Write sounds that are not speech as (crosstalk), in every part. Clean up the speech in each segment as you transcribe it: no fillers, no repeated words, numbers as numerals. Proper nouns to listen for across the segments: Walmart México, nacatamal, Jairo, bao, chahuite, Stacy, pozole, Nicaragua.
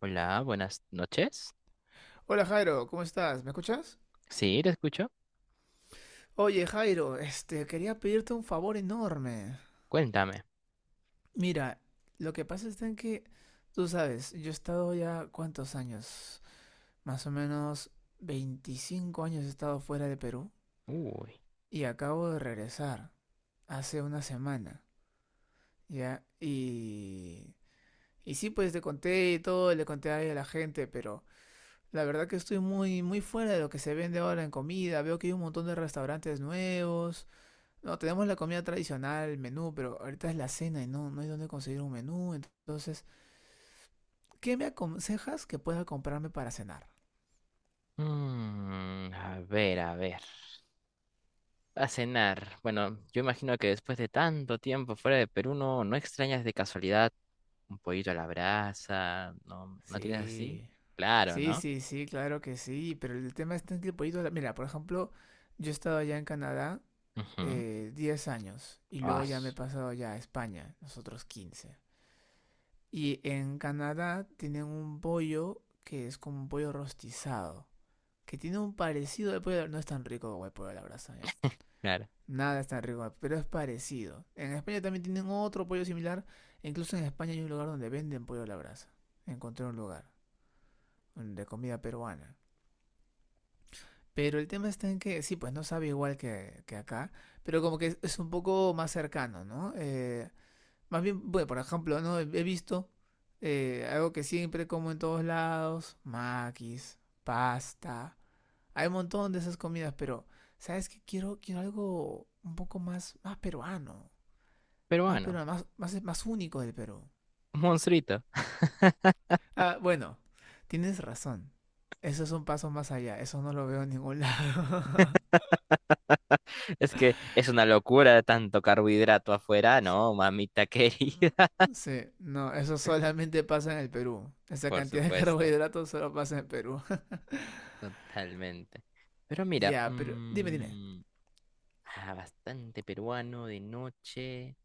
Hola, buenas noches. Hola Jairo, ¿cómo estás? ¿Me escuchas? Sí, te escucho. Oye Jairo, quería pedirte un favor enorme. Cuéntame. Mira, lo que pasa es en que, tú sabes, yo he estado ya cuántos años, más o menos 25 años he estado fuera de Perú Uy. y acabo de regresar hace una semana, ¿ya? Y sí, pues te conté y todo, le conté ahí a la gente, pero la verdad que estoy muy, muy fuera de lo que se vende ahora en comida. Veo que hay un montón de restaurantes nuevos. No, tenemos la comida tradicional, el menú, pero ahorita es la cena y no, no hay dónde conseguir un menú. Entonces, ¿qué me aconsejas que pueda comprarme para cenar? A ver, a ver. A cenar. Bueno, yo imagino que después de tanto tiempo fuera de Perú, no, no extrañas de casualidad un pollito a la brasa. ¿No, no tienes así? Sí, Claro, sí, ¿no? sí, sí, claro que sí, pero el tema está en que el pollito. Mira, por ejemplo, yo he estado allá en Canadá Ujú. 10 años y Ah, luego ya me he su- pasado ya a España, nosotros 15. Y en Canadá tienen un pollo que es como un pollo rostizado, que tiene un parecido al pollo. No es tan rico como el pollo a la brasa, ¿ya? claro. Nada es tan rico, pero es parecido. En España también tienen otro pollo similar e incluso en España hay un lugar donde venden pollo a la brasa. Encontré un lugar de comida peruana. Pero el tema está en que, sí, pues no sabe igual que, acá, pero como que es un poco más cercano, ¿no? Más bien, bueno, por ejemplo, ¿no? He visto algo que siempre como en todos lados, maquis, pasta. Hay un montón de esas comidas, pero, ¿sabes qué? Quiero algo un poco más, más peruano. Más Peruano. peruano, más, más, más único del Perú. Un monstruito. (laughs) Ah, bueno, tienes razón. Eso es un paso más allá, eso no lo veo en ningún lado. (laughs) Es que es una locura tanto carbohidrato afuera, ¿no, mamita querida? (laughs) Sí, no, eso solamente pasa en el Perú. Esa Por cantidad de (laughs) supuesto. carbohidratos solo pasa en el Perú. Totalmente. Pero (laughs) mira, Ya, pero dime, dime. Ah, bastante peruano de noche.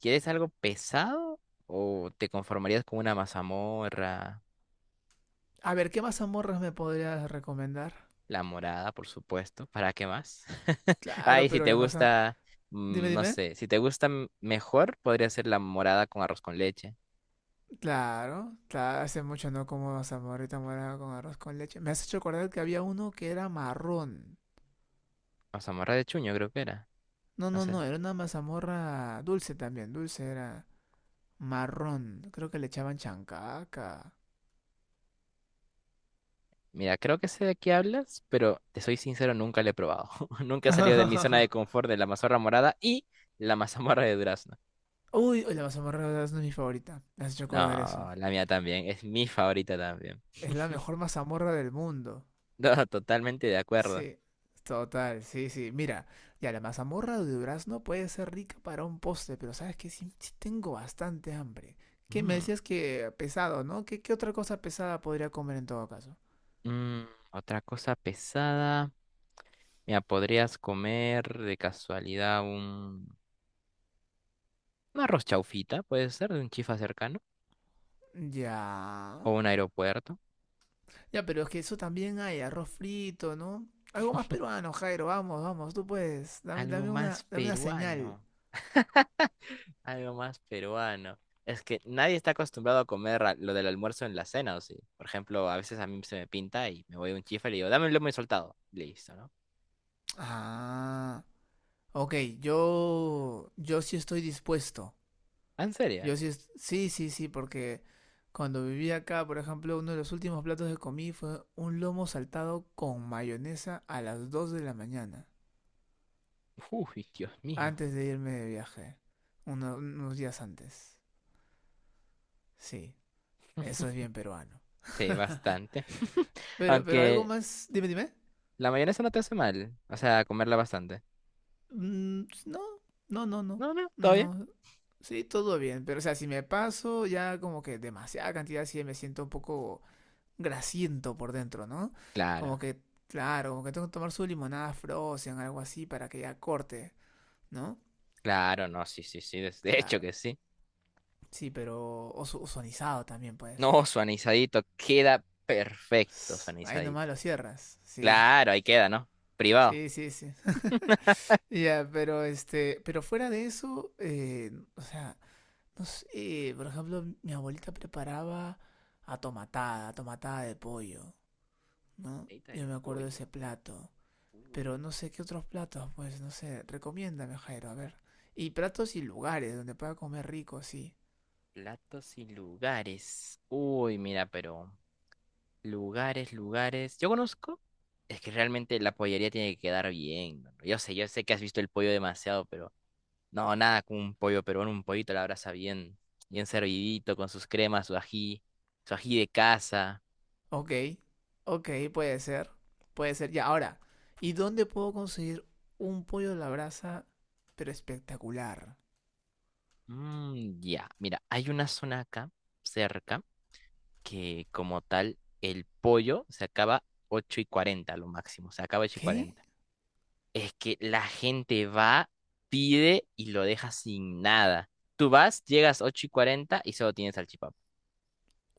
¿Quieres algo pesado o te conformarías con una mazamorra? A ver, ¿qué mazamorras me podrías recomendar? La morada, por supuesto. ¿Para qué más? (laughs) Claro, Ay, si pero te la masa. gusta, Dime, mm, no dime. sé, si te gusta mejor, podría ser la morada con arroz con leche. Claro, claro, hace mucho no como mazamorrita morada con arroz con leche. Me has hecho acordar que había uno que era marrón. Mazamorra de chuño, creo que era. No, No no, sé. no, era una mazamorra dulce también, dulce era marrón, creo que le echaban chancaca. Mira, creo que sé de qué hablas, pero te soy sincero, nunca la he probado. (laughs) Nunca he salido de mi zona de (laughs) confort de la mazorra morada y la mazamorra de durazno. Uy, uy, la mazamorra de durazno es mi favorita, me has hecho acordar eso. No, la mía también, es mi favorita también. Es la mejor mazamorra del mundo. No, totalmente de acuerdo. Sí, total, sí, sí. Mira, ya la mazamorra de durazno puede ser rica para un postre, pero sabes que sí, sí tengo bastante hambre. ¿Qué me Mm, decías que pesado, no? ¿Qué otra cosa pesada podría comer en todo caso? mm, Otra cosa pesada. Mira, podrías comer de casualidad un arroz chaufita, puede ser, de un chifa cercano Ya. o un aeropuerto. Ya, pero es que eso también hay, arroz frito, ¿no? Algo más peruano, Jairo, vamos, vamos, tú puedes. Dame, Algo dame más una, dame una señal. peruano, algo más peruano. Es que nadie está acostumbrado a comer lo del almuerzo en la cena, ¿o sí? Por ejemplo, a veces a mí se me pinta y me voy a un chifa y le digo, dame un lomo soltado. Listo, ¿no? Ah, ok, yo sí estoy dispuesto. Ah, ¿en serio? Yo sí, sí, sí, sí, porque cuando viví acá, por ejemplo, uno de los últimos platos que comí fue un lomo saltado con mayonesa a las 2 de la mañana, Uy, Dios mío. antes de irme de viaje, unos días antes. Sí, eso es bien peruano. Sí, bastante. (laughs) Pero algo Aunque más, dime, dime. la mayonesa no te hace mal, o sea, comerla bastante. Mm, pues, no, no, no, no, No, no, todo bien. no. Sí, todo bien, pero o sea, si me paso ya como que demasiada cantidad, sí me siento un poco grasiento por dentro, ¿no? Claro, Como que, claro, como que tengo que tomar su limonada Frozen, algo así, para que ya corte, ¿no? claro, no, sí, sí, sí, de hecho Claro, que sí. sí, pero o sonizado también puede ser. No, su anisadito queda perfecto, su Sss, ahí nomás anisadito. lo cierras, sí, Claro, ahí queda, ¿no? Privado. sí, sí, sí. (laughs) Ya, pero pero fuera de eso, o sea, no sé, por ejemplo, mi abuelita preparaba atomatada, atomatada de pollo, ¿no? Ahorita Yo de me acuerdo de pollo. ese plato. Uh, Pero no sé qué otros platos, pues no sé, recomiéndame, Jairo, a ver. Y platos y lugares donde pueda comer rico, sí. platos y lugares. Uy, mira, pero lugares, lugares. Yo conozco. Es que realmente la pollería tiene que quedar bien, ¿no? Yo sé que has visto el pollo demasiado, pero no, nada como un pollo peruano, un pollito a la brasa bien, bien servidito, con sus cremas, su ají de casa. Ok, ok, puede ser, puede ser. Ya, ahora, ¿y dónde puedo conseguir un pollo a la brasa, pero espectacular? Ya, mira, hay una zona acá cerca que como tal el pollo se acaba 8:40 lo máximo, se acaba 8 y ¿Qué? 40. Es que la gente va, pide y lo deja sin nada. Tú vas, llegas 8:40 y solo tienes salchipapa.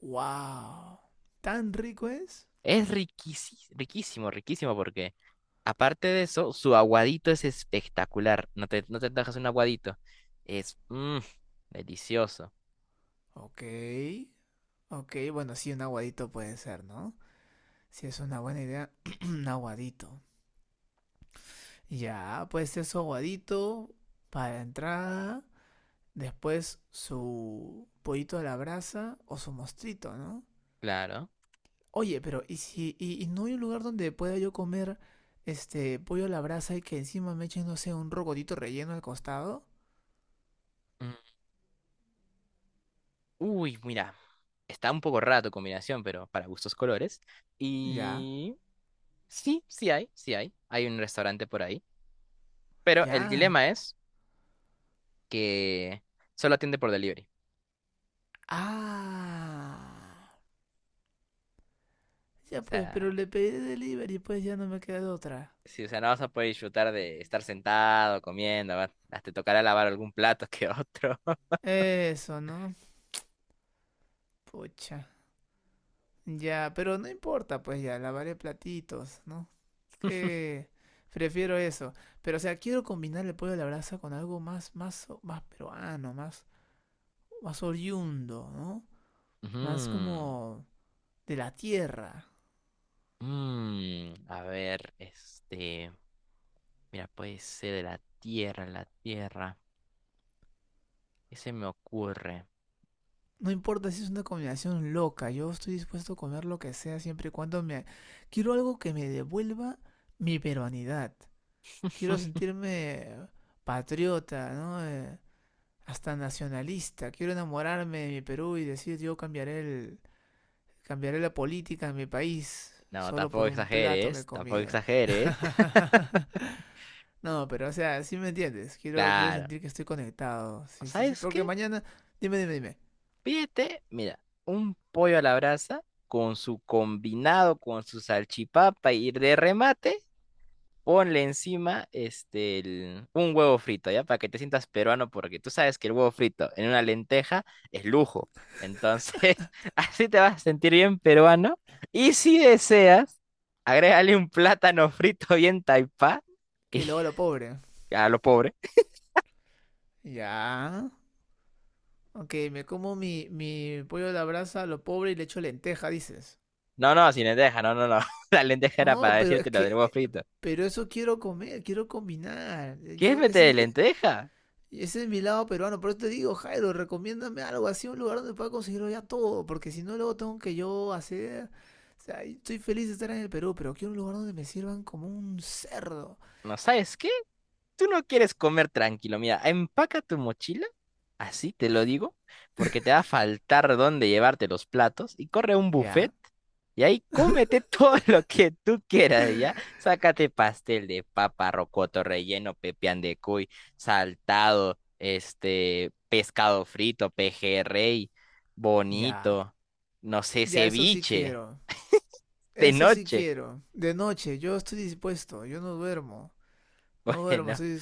¡Wow! ¿Tan rico es? Es riquísimo, riquísimo, riquísimo. Aparte de eso, su aguadito es espectacular. No te, no te dejas un aguadito. Es delicioso, Ok, ok, bueno, sí, un aguadito puede ser, ¿no? Si es una buena idea, (clears throat) un aguadito. Ya, pues eso aguadito para la entrada, después su pollito a la brasa o su mostrito, ¿no? claro. Oye, pero ¿y si no hay un lugar donde pueda yo comer este pollo a la brasa y que encima me echen, no sé, un rocotito relleno al costado? Mm. Uy, mira. Está un poco raro tu combinación, pero para gustos colores. Ya, Y sí, sí hay, sí hay. Hay un restaurante por ahí. Pero el ya. dilema es que solo atiende por delivery. Ah. O Ya pues, pero sea, le pedí de delivery, pues ya no me queda de otra. si, o sea, no vas a poder disfrutar de estar sentado, comiendo. Va- te tocará lavar algún plato que otro. Eso, ¿no? Pucha. Ya, pero no importa, pues ya, lavaré platitos, ¿no? Que prefiero eso. Pero, o sea, quiero combinar el pollo a la brasa con algo más, más, más peruano, más, más oriundo, ¿no? (laughs) Ujú. Más como de la tierra. A ver, este, mira, puede ser de la tierra, la tierra. ¿Qué se me ocurre? No importa si es una combinación loca, yo estoy dispuesto a comer lo que sea siempre y cuando me. Quiero algo que me devuelva mi peruanidad. Quiero (laughs) sentirme patriota, ¿no? Hasta nacionalista. Quiero enamorarme de mi Perú y decir yo cambiaré la política en mi país No, solo tampoco por un plato que he exageres, tampoco comido. exageres. (laughs) (laughs) No, pero o sea, sí me entiendes. Quiero Claro. sentir que estoy conectado. Sí, sí, sí. ¿Sabes Porque qué? mañana, dime, dime, dime. Pídete, mira, un pollo a la brasa con su combinado, con su salchipapa y de remate, ponle encima este, un huevo frito, ¿ya? Para que te sientas peruano, porque tú sabes que el huevo frito en una lenteja es lujo. Entonces, (laughs) así te vas a sentir bien peruano. Y si deseas, agrégale un plátano frito bien taipá. Y Que luego lo pobre. (laughs) a lo pobre. Ya. Ok, me como mi pollo a la brasa, lo pobre y le echo lenteja, dices. No, no, sin lenteja, no, no, no. (laughs) La lenteja era para No, pero es decirte lo del que huevo frito. pero eso quiero comer, quiero combinar. ¿Quieres meter de lenteja? Y ese es mi lado peruano, por eso te digo, Jairo, recomiéndame algo así, un lugar donde pueda conseguirlo ya todo, porque si no luego tengo que yo hacer. O sea, estoy feliz de estar en el Perú, pero quiero un lugar donde me sirvan como un cerdo. ¿No sabes qué? Tú no quieres comer tranquilo, mira, empaca tu mochila, así te lo digo, porque te va a faltar dónde llevarte los platos y corre a un buffet Ya, y ahí cómete todo (laughs) lo que tú quieras, ¿ya? Sácate pastel de papa, rocoto relleno, pepián de cuy, saltado, este, pescado frito, pejerrey, ya, bonito, no sé, ya, eso sí ceviche, quiero. de Eso sí noche. quiero. De noche, yo estoy dispuesto, yo no duermo. No (laughs) duermo, Bueno. estoy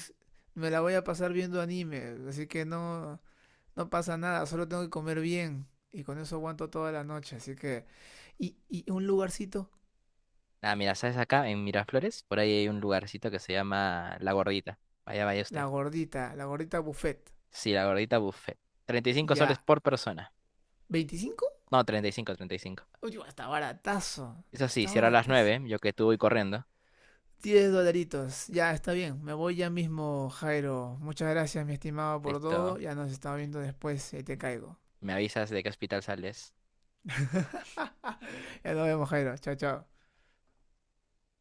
me la voy a pasar viendo anime, así que no, no pasa nada, solo tengo que comer bien. Y con eso aguanto toda la noche, así que. Y un lugarcito Ah, mira, ¿sabes acá en Miraflores? Por ahí hay un lugarcito que se llama La Gordita. Vaya, vaya usted. La gordita buffet. Sí, La Gordita Buffet. 35 soles Ya, por persona. 25, No, 35, 35. uy, está baratazo. Eso sí, Está cierra a las baratazo, 9, yo que tú voy corriendo. 10 dolaritos. Ya, está bien. Me voy ya mismo, Jairo. Muchas gracias, mi estimado, por todo. Listo. Ya nos estamos viendo después. Ahí te caigo. Me avisas de qué hospital sales. (laughs) Ya nos vemos, Jairo. Chao, chao.